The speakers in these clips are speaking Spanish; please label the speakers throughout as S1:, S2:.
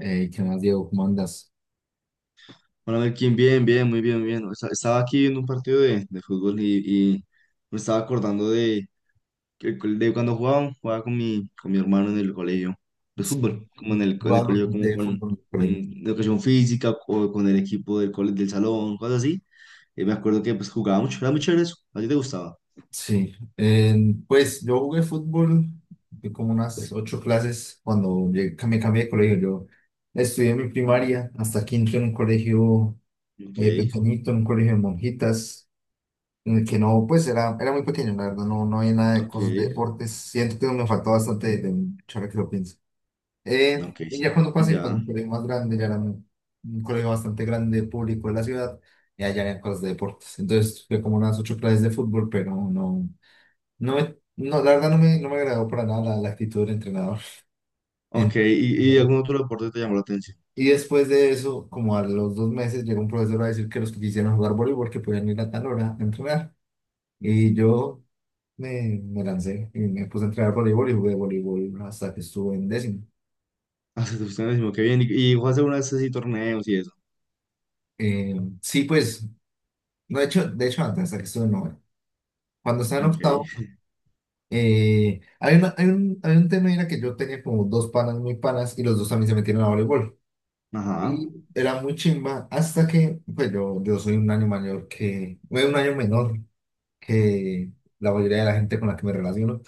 S1: Ey, ¿qué más, Diego? ¿Cómo andas?
S2: Hola Melkin, bien, bien, muy bien, muy bien. Estaba aquí en un partido de fútbol y me estaba acordando de, de cuando jugaba con mi hermano en el colegio. Pues
S1: Sí,
S2: fútbol, como en el
S1: jugando
S2: colegio, como
S1: de
S2: con,
S1: fútbol en el
S2: con
S1: colegio.
S2: educación física o con el equipo del salón, cosas así. Y me acuerdo que pues jugaba mucho, era muy chévere eso. ¿A ti te gustaba?
S1: Sí, pues yo jugué fútbol de como unas 8 clases cuando que me cambié de colegio. Yo estudié mi primaria hasta quinto en un colegio
S2: Ok,
S1: pequeñito, en un colegio de monjitas, en el que no, pues era, era muy pequeño, la verdad, no, no había nada de
S2: ok,
S1: cosas de deportes. Siento que me faltó bastante de ahora que lo pienso.
S2: ok,
S1: Y
S2: sí.
S1: ya cuando pasé, para
S2: Ya.
S1: un colegio más grande, ya era un colegio bastante grande, público de la ciudad, y allá eran cosas de deportes. Entonces fue como unas 8 clases de fútbol, pero no, no, la verdad no me, no me agradó para nada la, la actitud del entrenador.
S2: Ok,
S1: Entonces,
S2: y
S1: no.
S2: algún otro deporte te llamó la atención?
S1: Y después de eso, como a los 2 meses, llegó un profesor a decir que los que quisieran jugar voleibol, que podían ir a tal hora a entrenar. Y yo me lancé y me puse a entrenar voleibol y jugué voleibol hasta que estuve en décimo.
S2: Ah, sí, te gustó, qué bien. Y jugaste alguna vez así torneos y eso?
S1: Eh, sí, pues no, de hecho antes, hasta que estuve en noveno. Cuando estaba en
S2: Ok,
S1: octavo, hay un tema era que yo tenía como dos panas muy panas y los dos también se metieron a voleibol.
S2: ajá.
S1: Y era muy chimba hasta que, pues yo soy un año mayor que, bueno, un año menor que la mayoría de la gente con la que me relaciono.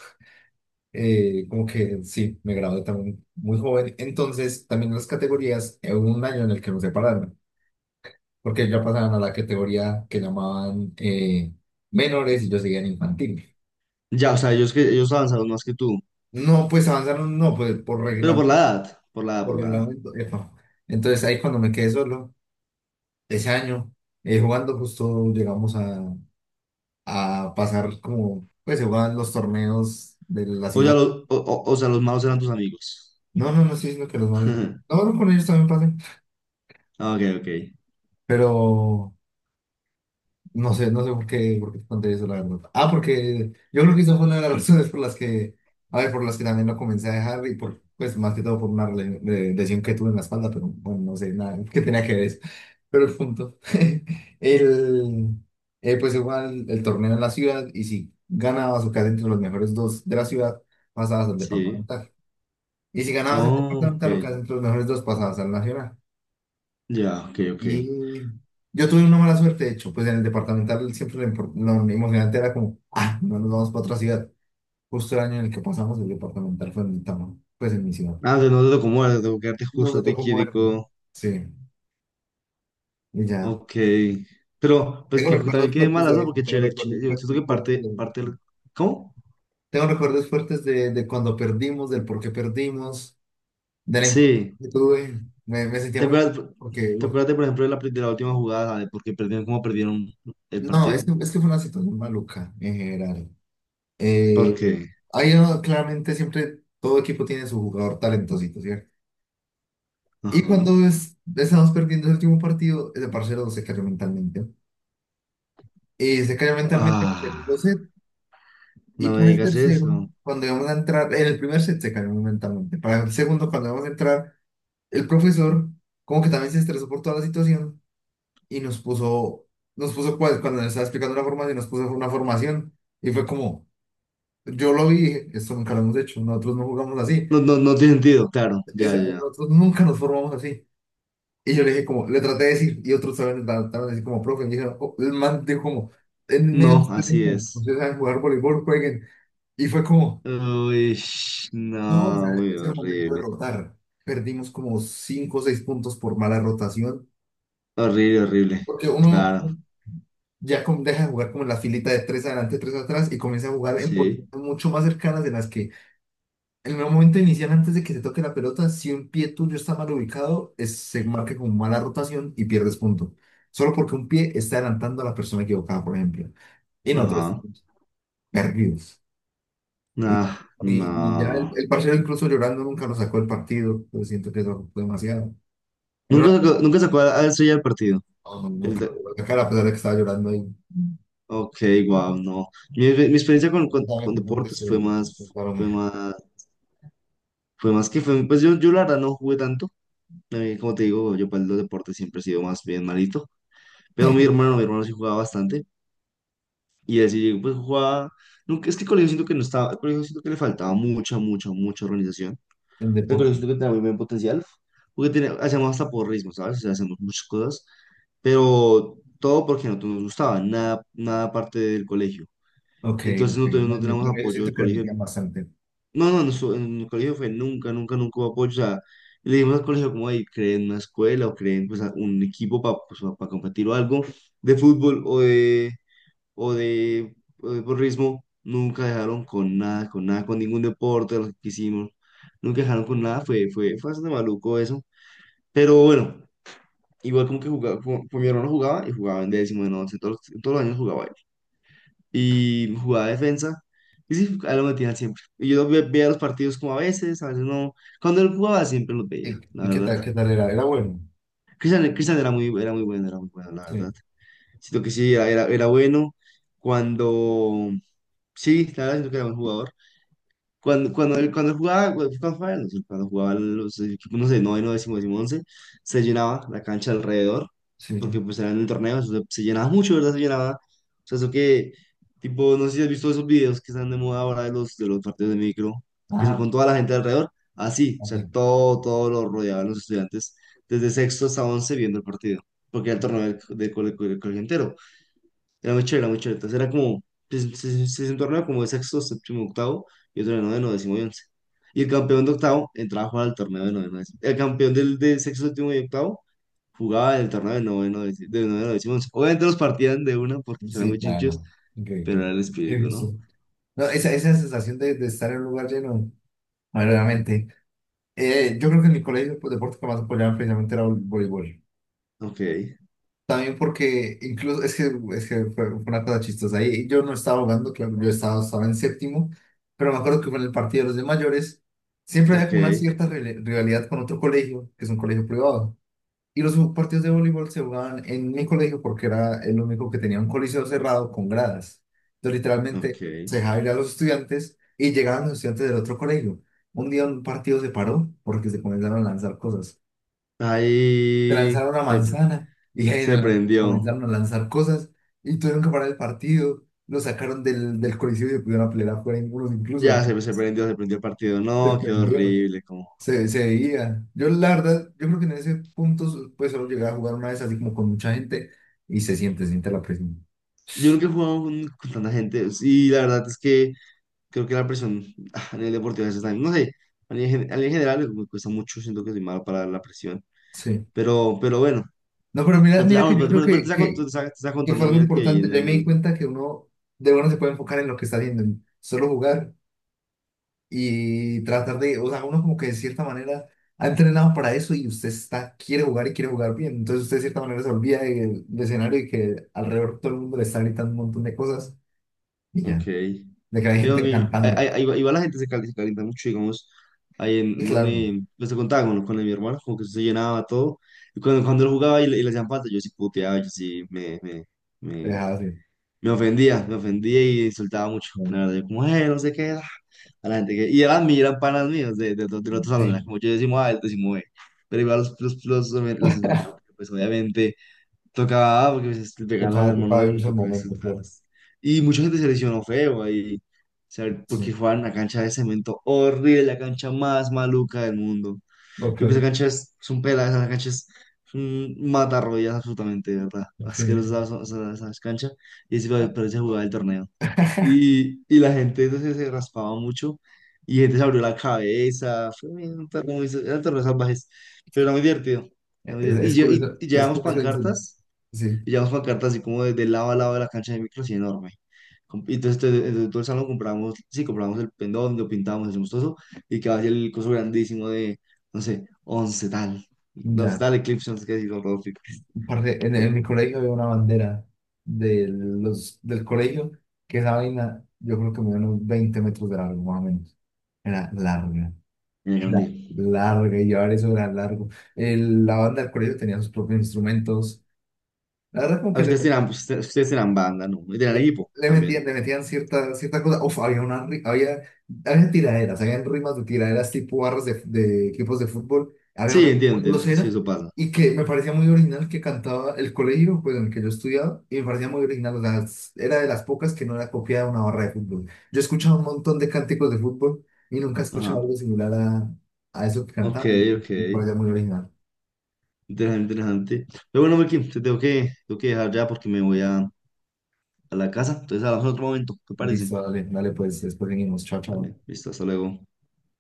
S1: Como que sí, me gradué también muy joven. Entonces, también las categorías, hubo un año en el que nos separaron, porque ya pasaban a la categoría que llamaban menores y yo seguía en infantil.
S2: Ya, o sea, ellos avanzaron más que tú,
S1: No, pues avanzaron, no, pues por
S2: pero por
S1: reglamento,
S2: la edad, por la edad,
S1: por
S2: por la edad.
S1: reglamento. Epa. Entonces ahí cuando me quedé solo, ese año, jugando justo llegamos a pasar como, pues se jugaban los torneos de la
S2: O ya
S1: ciudad.
S2: los, o sea, los malos eran tus amigos.
S1: No, no, no estoy diciendo que los malos. No, no, con ellos también pasé,
S2: Ah, Ok, ok.
S1: pero no sé, no sé por qué te conté eso, la verdad. Ah, porque yo creo que esa fue una de las razones por las que, a ver, por las que también lo comencé a dejar y por, pues más que todo por una lesión que tuve en la espalda, pero bueno, no sé nada que tenía que ver eso. Pero el punto, el, pues igual el torneo en la ciudad y si ganabas o quedas entre los mejores dos de la ciudad, pasabas al
S2: Sí.
S1: departamental. Y si ganabas el
S2: Oh, ok.
S1: departamental o quedas entre los mejores dos, pasabas al nacional.
S2: Ya, ok, ok.
S1: Y yo tuve una mala suerte, de hecho, pues en el departamental siempre lo emocionante era como, ah, no nos vamos para otra ciudad. Justo el año en el que pasamos el departamental fue en el pues en mi ciudad.
S2: Ah, o sea, no te tocó muerte, tengo que quedarte
S1: No
S2: justo
S1: me
S2: a ti,
S1: tocó moverme.
S2: Quirico.
S1: Sí, y ya.
S2: Ok. Pero, pues
S1: Tengo
S2: que también
S1: recuerdos
S2: quede
S1: fuertes
S2: malas,
S1: de
S2: ¿no?
S1: eso,
S2: Porque
S1: tengo
S2: chévere,
S1: recuerdos
S2: yo siento
S1: fuertes,
S2: que
S1: fuertes
S2: parte,
S1: de...
S2: parte. ¿Cómo?
S1: Tengo recuerdos fuertes de cuando perdimos, del por qué perdimos, de la importancia
S2: Sí.
S1: que tuve. Me sentía
S2: ¿Te
S1: muy...
S2: acuerdas,
S1: Porque,
S2: te
S1: uf,
S2: acuerdas, de por ejemplo, de la última jugada, de por qué perdieron, cómo perdieron el
S1: no,
S2: partido?
S1: es que fue una situación maluca en general.
S2: ¿Por
S1: Eh,
S2: qué?
S1: Claramente siempre todo equipo tiene su jugador talentosito, ¿cierto? Y
S2: Ajá.
S1: estamos perdiendo el último partido, ese parcero se cayó mentalmente. Y se cayó mentalmente en el
S2: Ah.
S1: segundo set. Y
S2: No me
S1: para el
S2: digas
S1: tercero,
S2: eso.
S1: cuando íbamos a entrar, en el primer set se cayó mentalmente. Para el segundo, cuando íbamos a entrar, el profesor como que también se estresó por toda la situación y nos puso, cuando nos estaba explicando la formación, nos puso una formación. Y fue como, yo lo vi, y dije, esto nunca lo hemos hecho, nosotros no jugamos así.
S2: No, no, no tiene sentido, claro, ya, ya. ya.
S1: Nosotros nunca nos formamos así. Y yo le dije como, le traté de decir, y otros saben le trataron de decir como, profe, me dijeron, oh, el man dijo como, en medio de
S2: No,
S1: este
S2: así
S1: tiempo,
S2: es.
S1: ustedes saben jugar voleibol, jueguen. Y fue como,
S2: Uy,
S1: no, o sea,
S2: no, muy
S1: es el momento de
S2: horrible.
S1: rotar. Perdimos como 5 o 6 puntos por mala rotación,
S2: Horrible, horrible.
S1: porque uno
S2: Claro,
S1: deja de jugar como en la filita de tres adelante, tres atrás, y comienza a jugar en
S2: sí.
S1: posiciones mucho más cercanas de las que en el momento inicial, antes de que se toque la pelota, si un pie tuyo está mal ubicado, se marca como mala rotación y pierdes punto. Solo porque un pie está adelantando a la persona equivocada, por ejemplo. Y nosotros
S2: Ajá.
S1: estamos perdidos. Y,
S2: No,
S1: y ya
S2: no.
S1: el parcero, incluso llorando, nunca lo sacó del partido. Pero siento que eso fue demasiado.
S2: Nunca
S1: Era-
S2: sacó, nunca sacó a eso ya el partido.
S1: no, no,
S2: El
S1: nunca lo
S2: de-
S1: sacó la cara, a pesar de que estaba llorando ahí.
S2: Ok, wow, no. Mi experiencia con, con-
S1: Dame
S2: con
S1: por favor, que
S2: deportes
S1: estoy- Perdóname.
S2: fue más que fue, pues yo la verdad no jugué tanto. A mí, como te digo, yo para los deportes siempre he sido más bien malito. Pero mi hermano, mi hermano sí jugaba bastante. Y así, pues jugaba. Nunca, es que el colegio siento que no estaba. El colegio siento que le faltaba mucha, mucha, mucha organización.
S1: El
S2: El
S1: deporte.
S2: colegio siento que tenía muy buen potencial. Porque tenía, hacíamos hasta porrismo, ¿sabes? O sea, hacíamos muchas cosas. Pero todo porque no nos gustaba. Nada, nada parte del colegio.
S1: Ok,
S2: Entonces
S1: ok.
S2: no,
S1: No,
S2: no
S1: en mi
S2: teníamos
S1: primero
S2: apoyo
S1: siento
S2: del
S1: que le
S2: colegio.
S1: metían bastante.
S2: No, no, en el colegio fue nunca, nunca, nunca hubo apoyo. O sea, le dimos al colegio como ahí, creen una escuela o creen pues un equipo para pues, competir o algo de fútbol o de o de, o de porrismo, nunca dejaron con nada, con nada, con ningún deporte de los que hicimos, nunca dejaron con nada, fue bastante maluco eso, pero bueno, igual como que jugaba, como, pues mi hermano jugaba y jugaba en décimo, en once, todos, todos los años jugaba él, y jugaba defensa, y sí, a él lo metían siempre, y yo veía los partidos como a veces no, cuando él jugaba siempre los veía,
S1: Y
S2: la verdad.
S1: qué tal era? Era bueno.
S2: Cristian era muy bueno, era muy bueno, la verdad.
S1: Sí.
S2: Siento que sí, era bueno. Cuando. Sí, la verdad, siento que era buen jugador. Cuando él jugaba, cuando jugaba, no sé, cuando jugaban los equipos, no sé, noveno, décimo, décimo, once, se llenaba la cancha alrededor, porque
S1: Sí.
S2: pues era en el torneo, eso se llenaba mucho, ¿verdad? Se llenaba. O sea, eso que, tipo, no sé si has visto esos videos que están de moda ahora de los partidos de micro, que son
S1: Ajá.
S2: con toda la gente alrededor, así, o sea,
S1: Sí.
S2: todo, todo lo rodeaban los estudiantes, desde sexto hasta once viendo el partido, porque era el torneo del colegio entero. Era muy chévere, era muy chévere. Entonces era como, pues, se torneo como de sexto, séptimo, octavo, y otro de noveno, décimo y once. Y el campeón de octavo entraba a jugar al torneo de noveno, décimo. El campeón del, de sexto, séptimo y octavo jugaba en el torneo de noveno, décimo, once. Obviamente los partían de una porque eran
S1: Sí,
S2: muy chinchos,
S1: claro.
S2: pero
S1: Increíble.
S2: era el
S1: Qué
S2: espíritu,
S1: gusto.
S2: ¿no?
S1: No, esa sensación de estar en un lugar lleno, verdaderamente. Yo creo que en mi colegio pues, deporte que más apoyaban precisamente era el voleibol.
S2: Ok,
S1: También porque incluso, es que fue, fue una cosa chistosa. Ahí yo no estaba jugando, claro, yo estaba, estaba en séptimo, pero me acuerdo que con el partido de los de mayores siempre había
S2: ok,
S1: como una cierta rivalidad con otro colegio, que es un colegio privado. Y los partidos de voleibol se jugaban en mi colegio porque era el único que tenía un coliseo cerrado con gradas. Entonces,
S2: ok.
S1: literalmente, se dejaba ir a los estudiantes y llegaban los estudiantes del otro colegio. Un día un partido se paró porque se comenzaron a lanzar cosas. Se
S2: Ahí
S1: lanzaron una
S2: se,
S1: manzana y ahí en
S2: se
S1: adelante
S2: prendió.
S1: comenzaron a lanzar cosas y tuvieron que parar el partido. Lo sacaron del, del coliseo y se pudieron pelear afuera, unos incluso.
S2: Ya se prendió, se prendió el partido.
S1: Se
S2: No, qué
S1: prendió.
S2: horrible, como...
S1: Se veía. Yo, la verdad, yo creo que en ese punto, pues solo llegué a jugar una vez así como con mucha gente y se siente la presión.
S2: Yo nunca he jugado con tanta gente y la verdad es que creo que la presión ah, a nivel deportivo a veces también, no sé, a nivel, a nivel general me cuesta mucho, siento que soy malo para la presión,
S1: Sí.
S2: pero bueno,
S1: No, pero mira,
S2: pero, te-
S1: mira
S2: ah,
S1: que
S2: bueno,
S1: yo creo
S2: pero te está, cont- te está- te está
S1: que fue
S2: contando,
S1: algo
S2: mira que ahí
S1: importante.
S2: en
S1: Ya me di
S2: el,
S1: cuenta que uno de verdad se puede enfocar en lo que está haciendo, en solo jugar y tratar de, o sea, uno como que de cierta manera ha entrenado para eso y usted está, quiere jugar y quiere jugar bien. Entonces usted de cierta manera se olvida del, del escenario y que alrededor todo el mundo le está gritando un montón de cosas y
S2: ok,
S1: ya, de que hay
S2: que
S1: gente
S2: donde, ahí,
S1: cantando.
S2: ahí- ahí va ahí va la gente se calienta mucho, digamos, ahí
S1: Y
S2: en
S1: claro,
S2: donde, pues te contaba con mi hermano, como que eso se llenaba todo, y cuando, cuando él jugaba y le hacían falta, yo sí puteaba, yo sí
S1: te deja
S2: me,
S1: así.
S2: Me ofendía, me ofendía y insultaba mucho. La verdad, yo como, no sé qué ah", A la gente que. Y eran, eran panas míos del otro salón, era
S1: Sí,
S2: como yo decimos A, él decimos B. Pero igual los insultaba, porque, pues obviamente tocaba A, porque pues, le pegaban al
S1: tocaba,
S2: hermano
S1: tocaba
S2: de
S1: vivir
S2: uno,
S1: ese
S2: tocaba
S1: momento, claro.
S2: insultarlos. Y mucha gente se lesionó feo ahí, o sea, porque
S1: Sí,
S2: jugaban en una cancha de cemento horrible, la cancha más maluca del mundo. Yo creo que esa
S1: ok,
S2: cancha es un pela, esa cancha es un matarroyas absolutamente, de ¿verdad?
S1: ok.
S2: Asquerosa esa cancha. Y así
S1: Ah,
S2: parece jugar el torneo. Y la gente entonces se raspaba mucho y gente se abrió la cabeza. Fue un torneo muy, eran torneos salvajes, pero era muy divertido. Era muy
S1: es,
S2: divertido. Y, lle- y, y
S1: es
S2: llevamos
S1: curioso eso.
S2: pancartas
S1: Sí,
S2: y llevamos pancartas así como de lado a lado de la cancha de micro, así enorme. Y entonces, entonces todo el salón compramos, sí, compramos el pendón, lo pintamos, hacemos todo eso, y quedaba así el coso grandísimo de, no sé, 11 tal, No, 11
S1: ya.
S2: tal Eclipse, no sé qué, así con todos los picos.
S1: Parce,
S2: Era
S1: en mi colegio había una bandera de los, del colegio, que esa vaina, yo creo que me dio unos 20 metros de largo, más o menos. Era larga,
S2: grande.
S1: era larga, y llevar eso era largo. La banda del colegio tenía sus propios instrumentos. La verdad, como
S2: Ah,
S1: que le,
S2: Ustedes tenían, pues, ustedes ustedes tenían banda, ¿no? Y tenían
S1: Le,
S2: equipo también.
S1: le metían cierta, cierta cosa. Uf, había, había tiraderas, habían rimas de tiraderas tipo barras de equipos de fútbol. Había
S2: Sí,
S1: una
S2: entiendo,
S1: muy
S2: entiendo, sí,
S1: grosera
S2: eso pasa.
S1: y que me parecía muy original que cantaba el colegio pues, en el que yo estudiaba y me parecía muy original. O sea, era de las pocas que no era copiada de una barra de fútbol. Yo escuchaba un montón de cánticos de fútbol y nunca escuchaba
S2: Ajá.
S1: algo similar a eso que
S2: Ok,
S1: cantaban.
S2: ok.
S1: Me parecía muy original.
S2: Interesante, interesante. Pero bueno, Melqui, te tengo que dejar ya porque me voy a la casa. Entonces hablamos en otro momento, ¿te parece?
S1: Listo, dale, dale, pues después venimos. Chao, chao.
S2: Dale, listo, hasta luego.